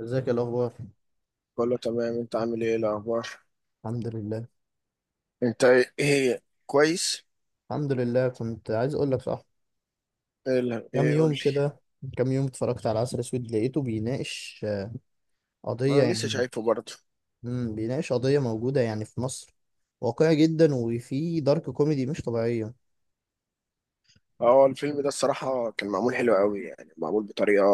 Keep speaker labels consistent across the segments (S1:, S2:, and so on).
S1: ازيك يا الاخبار؟
S2: كله تمام، انت عامل ايه الاخبار؟
S1: الحمد لله.
S2: انت ايه؟ ايه كويس
S1: الحمد لله. كنت عايز اقول لك صح. كام
S2: ايه قول
S1: يوم
S2: لي.
S1: كده. كام يوم اتفرجت على عسل اسود، لقيته بيناقش قضيه،
S2: انا لسه
S1: يعني.
S2: شايفه برضه.
S1: بيناقش قضيه موجوده، يعني في مصر. واقعي جدا، وفيه دارك كوميدي مش طبيعيه.
S2: هو الفيلم ده الصراحه كان معمول حلو قوي، يعني معمول بطريقه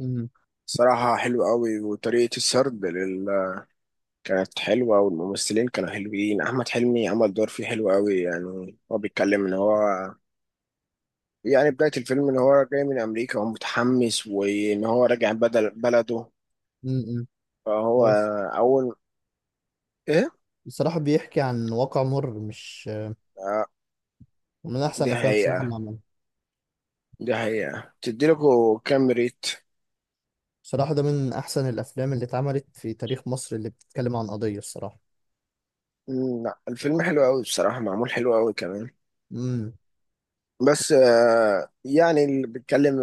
S1: امم.
S2: صراحه حلوه قوي. وطريقه السرد لل... كانت حلوه، والممثلين كانوا حلوين. احمد حلمي عمل دور فيه حلو قوي. يعني هو بيتكلم ان هو، يعني بدايه الفيلم، ان هو جاي من امريكا وهو متحمس وان هو راجع بدل بلده.
S1: امم.
S2: فهو
S1: بس
S2: اول ايه؟
S1: بصراحه بيحكي عن واقع مر مش.
S2: آه،
S1: من احسن
S2: دي
S1: الافلام بصراحه اللي
S2: حقيقة.
S1: عملها.
S2: دي حقيقة تديلكوا كام ريت.
S1: بصراحه ده من احسن الافلام اللي اتعملت في تاريخ مصر، اللي بتتكلم عن قضيه الصراحه.
S2: مم، لا الفيلم حلو قوي بصراحة، معمول حلو قوي كمان.
S1: امم.
S2: بس يعني اللي بيتكلم،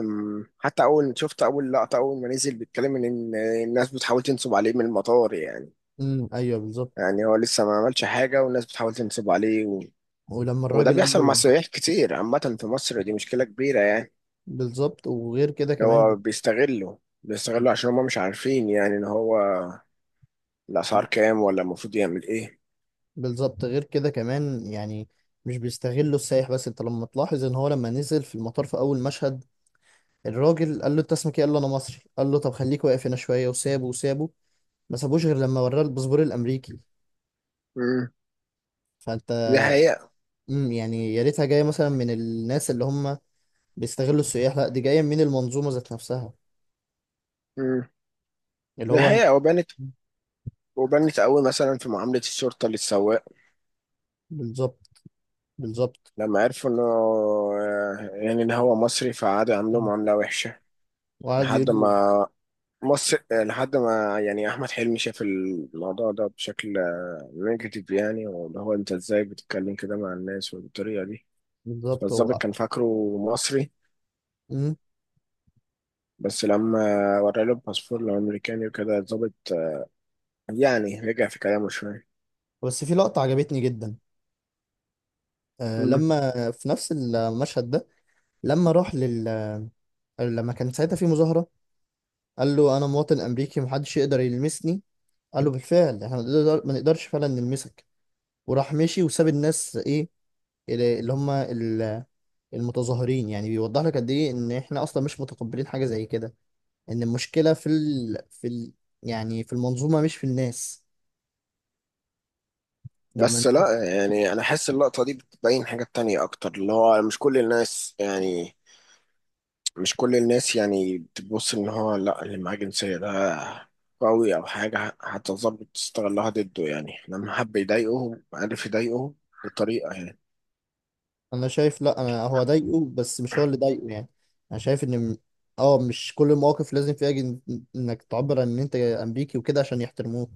S2: حتى أول شفت أول لقطة أول ما نزل بيتكلم إن الناس بتحاول تنصب عليه من المطار يعني.
S1: امم. ايوه، بالظبط.
S2: يعني هو لسه ما عملش حاجة والناس بتحاول تنصب عليه و...
S1: ولما
S2: وده
S1: الراجل قال
S2: بيحصل مع
S1: له.
S2: السياح كتير عامة في مصر، دي مشكلة كبيرة يعني.
S1: بالظبط، وغير كده
S2: إن هو
S1: كمان.
S2: بيستغله بيستغله عشان هما مش عارفين، يعني إن هو الأسعار كام ولا المفروض يعمل إيه.
S1: بالظبط، غير كده كمان، يعني مش بيستغلوا السائح بس. انت لما تلاحظ ان هو لما نزل في المطار، في اول مشهد الراجل قال له: انت اسمك ايه؟ قال له: انا مصري. قال له: طب خليك واقف هنا شويه. وسابه وسابه. ما سابوش غير لما وراه الباسبور الامريكي.
S2: مم،
S1: فانت.
S2: دي حقيقة.
S1: يعني يا ريتها جايه مثلا من الناس اللي هم بيستغلوا السياح، لا دي جايه من المنظومه ذات نفسها،
S2: مم.
S1: اللي
S2: دي
S1: هو.
S2: حقيقة. وبانت وبنت قوي مثلا في معاملة الشرطة للسواق،
S1: بالظبط. بالظبط.
S2: لما عرفوا انه يعني ان هو مصري فقعدوا يعملوا
S1: مم.
S2: معاملة وحشة
S1: وقعد
S2: لحد
S1: يقول له.
S2: ما مصر لحد ما، يعني احمد حلمي شاف الموضوع ده بشكل نيجاتيف يعني. واللي هو انت ازاي بتتكلم كده مع الناس والطريقة دي؟
S1: بالظبط
S2: فالظابط
S1: هو.
S2: كان فاكره مصري،
S1: مم.
S2: بس لما ورى له الباسبور الامريكاني وكده الظابط يعني رجع في كلامه شوية.
S1: بس في لقطه عجبتني جدا، لما في نفس المشهد ده. لما راح لل... لما كان ساعتها في مظاهرة، قال له: أنا مواطن أمريكي محدش يقدر يلمسني. قال له: بالفعل، احنا ما نقدرش فعلا نلمسك. وراح مشي وساب الناس، ايه، اللي هم المتظاهرين. يعني بيوضح لك قد ايه ان احنا اصلا مش متقبلين حاجة زي كده. ان المشكلة يعني في المنظومة مش في الناس. لما
S2: بس
S1: الناس.
S2: لا، يعني انا حاسس اللقطه دي بتبين حاجات تانية اكتر، اللي هو مش كل الناس يعني، مش كل الناس يعني بتبص ان هو لا اللي معاه جنسيه ده قوي او حاجه هتظبط تستغلها ضده. يعني لما حب يضايقهم عارف يضايقهم بطريقه يعني.
S1: انا شايف، لا، انا هو ضايقه، بس مش هو اللي ضايقه، يعني. انا شايف ان اه، مش كل المواقف لازم فيها انك تعبر عن ان انت امريكي وكده عشان يحترموك.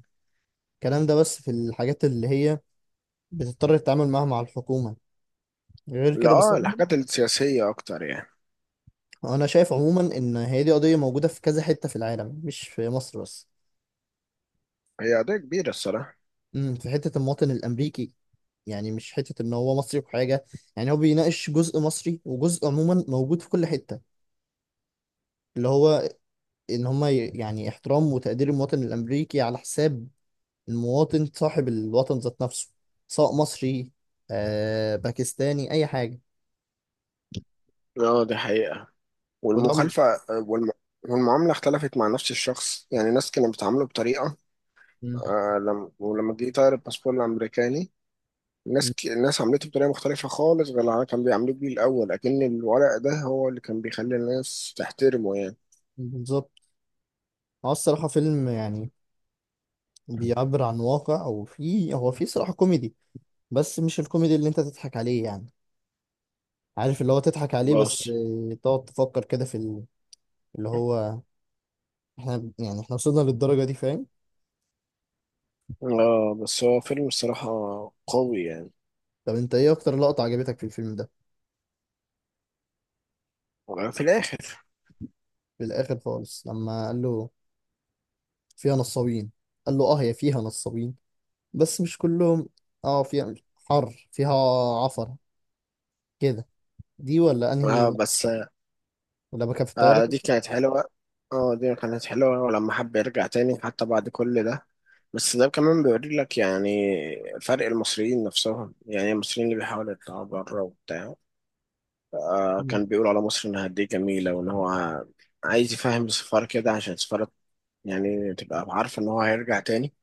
S1: الكلام ده بس في الحاجات اللي هي بتضطر تتعامل معاها مع الحكومة. غير
S2: لا
S1: كده بس.
S2: اه، الحاجات السياسيه اكتر يعني.
S1: انا شايف عموما ان هي دي قضية موجودة في كذا حتة في العالم، مش في مصر بس.
S2: هي قضيه كبيره الصراحه.
S1: في حتة المواطن الامريكي، يعني مش حتة ان هو مصري وحاجة. يعني هو بيناقش جزء مصري وجزء عموما موجود في كل حتة، اللي هو ان هم يعني احترام وتقدير المواطن الامريكي على حساب المواطن صاحب الوطن ذات نفسه، سواء مصري باكستاني، اي حاجه.
S2: اه دي حقيقه.
S1: وده
S2: والمخالفه، والم... والمعامله اختلفت مع نفس الشخص. يعني ناس كانوا بيتعاملوا بطريقه
S1: م-
S2: آه لما ولما جه يطير الباسبور الامريكاني، الناس
S1: م-
S2: ك... الناس عملته بطريقه مختلفه خالص غير اللي كان بيعملوه بيه الاول. لكن الورق ده هو اللي كان بيخلي الناس تحترمه يعني.
S1: بالظبط. هو الصراحه فيلم، يعني، بيعبر عن واقع. وفي هو في صراحه كوميدي، بس مش الكوميدي اللي انت تضحك عليه، يعني. عارف اللي هو تضحك عليه، بس
S2: خلاص.
S1: تقعد تفكر كده. اللي هو احنا، يعني احنا وصلنا للدرجه دي، فاهم.
S2: اه بس هو فيلم الصراحه قوي يعني.
S1: طب انت ايه اكتر لقطه عجبتك في الفيلم ده؟
S2: في الاخر.
S1: في الاخر خالص لما قال له فيها نصابين، قال له: اه، هي فيها نصابين بس مش كلهم، اه فيها حر، فيها عفرة كده. دي ولا انهي؟
S2: اه بس.
S1: لما كان في الطيارة.
S2: آه دي كانت حلوه. اه دي كانت حلوه. ولما حب يرجع تاني حتى بعد كل ده، بس ده كمان بيوري لك، يعني فرق المصريين نفسهم يعني، المصريين اللي بيحاولوا يطلعوا بره وبتاع. آه
S1: مم.
S2: كان بيقول على مصر انها قد ايه جميله، وان هو عايز يفهم السفارة كده، عشان السفارة يعني تبقى عارفة إن هو هيرجع تاني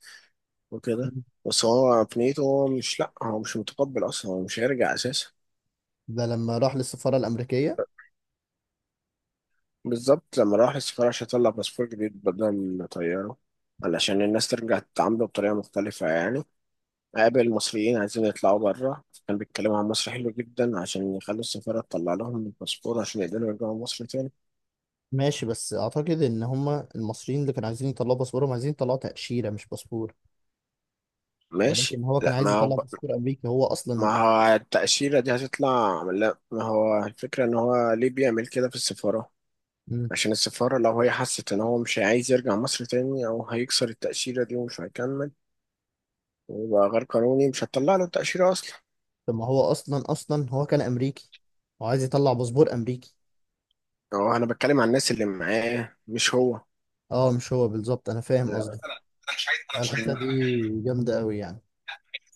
S2: وكده. بس هو في نيته هو مش، لأ هو مش متقبل أصلا، هو مش هيرجع أساسا.
S1: ده لما راح للسفارة الأمريكية.
S2: بالظبط لما راح السفارة عشان يطلع باسبور جديد بدل من طياره، علشان الناس ترجع تتعامله بطريقة مختلفة يعني. قابل مصريين عايزين يطلعوا بره كان بيتكلموا عن مصر حلو جدا عشان يخلوا السفارة تطلع لهم الباسبور عشان يقدروا يرجعوا مصر تاني.
S1: ماشي، بس أعتقد إن هما المصريين اللي كانوا عايزين يطلعوا باسبورهم عايزين يطلعوا تأشيرة مش باسبور.
S2: ماشي
S1: ولكن هو كان
S2: لا، ما
S1: عايز
S2: هو،
S1: يطلع باسبور أمريكي هو أصلا.
S2: ما هو التأشيرة دي هتطلع. لا ما هو الفكرة إن هو ليه بيعمل كده في السفارة.
S1: مم.
S2: عشان السفارة لو هي حست إن هو مش عايز يرجع مصر تاني أو هيكسر التأشيرة دي ومش هيكمل ويبقى غير قانوني، مش هتطلع له التأشيرة أصلا.
S1: طب ما هو أصلا هو كان أمريكي، وعايز يطلع باسبور أمريكي.
S2: أو أنا بتكلم عن الناس اللي معاه مش هو.
S1: اه، مش هو، بالظبط أنا فاهم
S2: انا
S1: قصدك.
S2: مش عايز،
S1: اه، الحتة
S2: انا
S1: دي
S2: بكلم.
S1: جامدة أوي، يعني.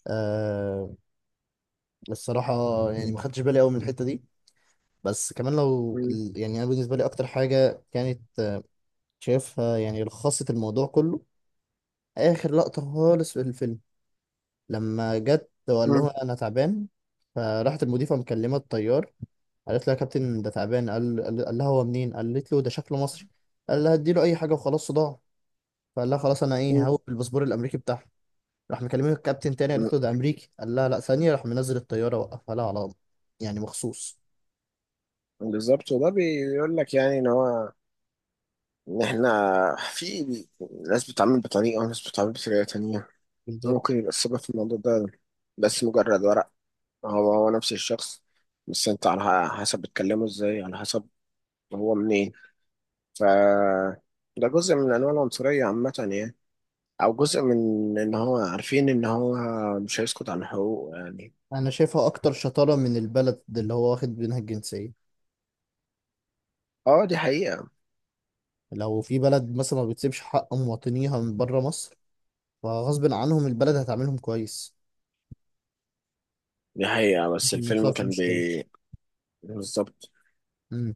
S1: آه. الصراحة يعني ما خدتش بالي قوي من الحتة دي. بس كمان يعني أنا بالنسبة لي أكتر حاجة كانت شايفها، يعني لخصت الموضوع كله. آخر لقطة خالص في الفيلم لما جت وقال لها: أنا تعبان. فراحت المضيفة مكلمة الطيار، قالت لها: يا كابتن، ده تعبان. قال لها: هو منين؟ قالت له: ده شكله مصري. قال لها: اديله أي حاجة وخلاص، صداع. فقال لها: خلاص. أنا
S2: م-
S1: إيه،
S2: م-
S1: هوي بالباسبور الأمريكي بتاعها. راح مكلمه الكابتن تاني، قالت
S2: م-
S1: له: ده أمريكي. قال لها: لا، ثانية. راح منزل الطيارة، وقفها لها على، يعني، مخصوص.
S2: بالظبط. وده بيقول لك يعني إن هو، إن إحنا في ناس بتتعامل بطريقة وناس بتتعامل بطريقة تانية.
S1: بالظبط.
S2: ممكن يبقى السبب في الموضوع ده بس مجرد ورق. هو هو نفس الشخص، بس أنت على حسب بتكلمه إزاي، على حسب هو منين. ف ده جزء من انواع العنصريه عامه يعني، او جزء من ان هو عارفين ان هو مش هيسكت عن حقوقه يعني.
S1: انا شايفها اكتر شطاره من البلد اللي هو واخد منها الجنسيه.
S2: اه دي حقيقه.
S1: لو في بلد مثلا ما بتسيبش حق مواطنيها من بره مصر، فغصب عنهم البلد هتعاملهم كويس
S2: دي حقيقه. بس
S1: عشان ما
S2: الفيلم
S1: يحصلش
S2: كان بي،
S1: مشكله.
S2: بالظبط.
S1: امم.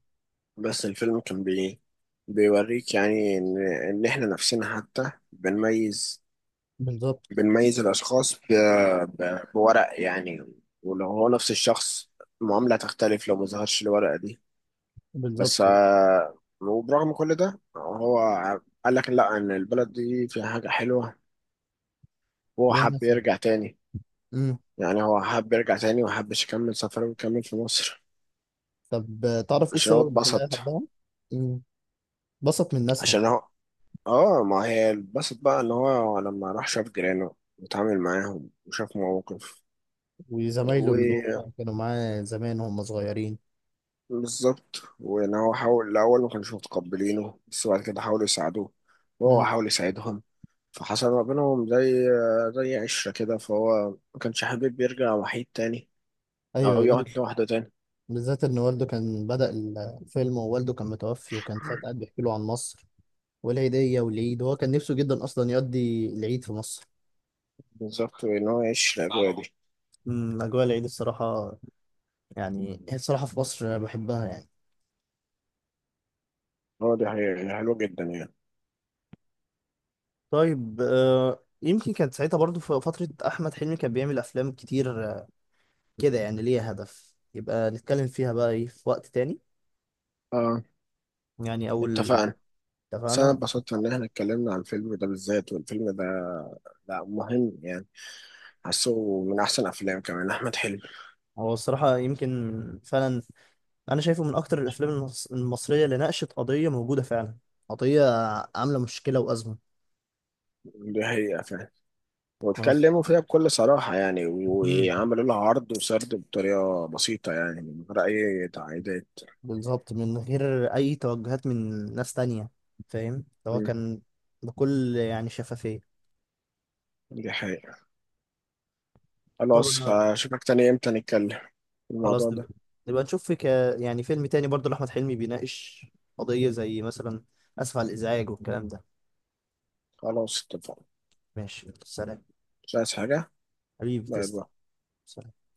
S2: بس الفيلم كان بي بيوريك يعني ان، ان احنا نفسنا حتى بنميز،
S1: بالظبط.
S2: بنميز الاشخاص ب... ب... بورق يعني. ولو هو نفس الشخص المعامله تختلف لو ما ظهرش الورقه دي. بس
S1: بالظبط.
S2: وبرغم كل ده هو قال لك لا، ان البلد دي فيها حاجه حلوه وهو
S1: ليها
S2: حب
S1: ناسها.
S2: يرجع تاني.
S1: امم.
S2: يعني هو حب يرجع تاني وحبش يكمل سفره ويكمل في مصر.
S1: طب تعرف ايه
S2: عشان هو
S1: السبب اللي خلاها
S2: اتبسط.
S1: يحبها؟ امم. بسط من ناسها.
S2: عشان هو، اه ما هي اتبسط بقى ان هو لما راح شاف جيرانه واتعامل معاهم وشاف مواقف.
S1: وزمايله اللي هم كانوا معاه زمان وهم صغيرين.
S2: بالظبط، وان هو حاول الاول ما كانوش متقبلينه بس بعد كده حاولوا يساعدوه وهو
S1: امم.
S2: حاول يساعدهم. فحصل ما بينهم زي زي عشرة كده، فهو ما كانش حابب يرجع وحيد تاني
S1: ايوه،
S2: او يقعد
S1: يرجع.
S2: لوحده تاني.
S1: بالذات ان والده كان بدأ الفيلم، ووالده كان متوفي، وكان ساعتها قاعد بيحكي له عن مصر والعيدية والعيد، هو كان نفسه جدا أصلا يقضي العيد في مصر.
S2: بالظبط، وان هو يعيش الاجواء دي.
S1: أجواء العيد الصراحة، يعني هي الصراحة في مصر بحبها، يعني.
S2: هو دي حقيقة حلوة جدا يعني.
S1: طيب يمكن كانت ساعتها برضو في فترة أحمد حلمي كان بيعمل أفلام كتير، كده. يعني ليها هدف، يبقى نتكلم فيها بقى إيه في وقت تاني.
S2: اه
S1: يعني أول.
S2: اتفقنا. بس انا
S1: اتفقنا.
S2: اتبسطت ان احنا اتكلمنا عن الفيلم ده بالذات، والفيلم ده لا مهم يعني، حاسه من احسن افلام كمان احمد حلمي.
S1: هو الصراحة يمكن فعلا. أنا شايفه من أكتر الأفلام المصرية اللي ناقشت قضية موجودة فعلا. قضية عاملة مشكلة وأزمة.
S2: دي حقيقة فعلا، واتكلموا فيها بكل صراحة يعني،
S1: مم.
S2: وعملوا لها عرض وسرد بطريقة بسيطة يعني من غير أي تعقيدات.
S1: بالظبط، من غير اي توجهات من ناس تانية، فاهم. ده هو
S2: مم.
S1: كان بكل، يعني، شفافية.
S2: دي حقيقة.
S1: طب
S2: خلاص
S1: انا
S2: هشوفك تاني إمتى نتكلم في الموضوع
S1: خلاص. نبقى,
S2: ده.
S1: نبقى نشوف. يعني فيلم تاني برضه لأحمد حلمي بيناقش قضية، زي مثلا. اسف على الازعاج والكلام ده.
S2: خلاص اتفقنا.
S1: ماشي، سلام.
S2: مش عايز حاجة.
S1: حبيبي،
S2: باي
S1: تسلم.
S2: باي.
S1: سلام.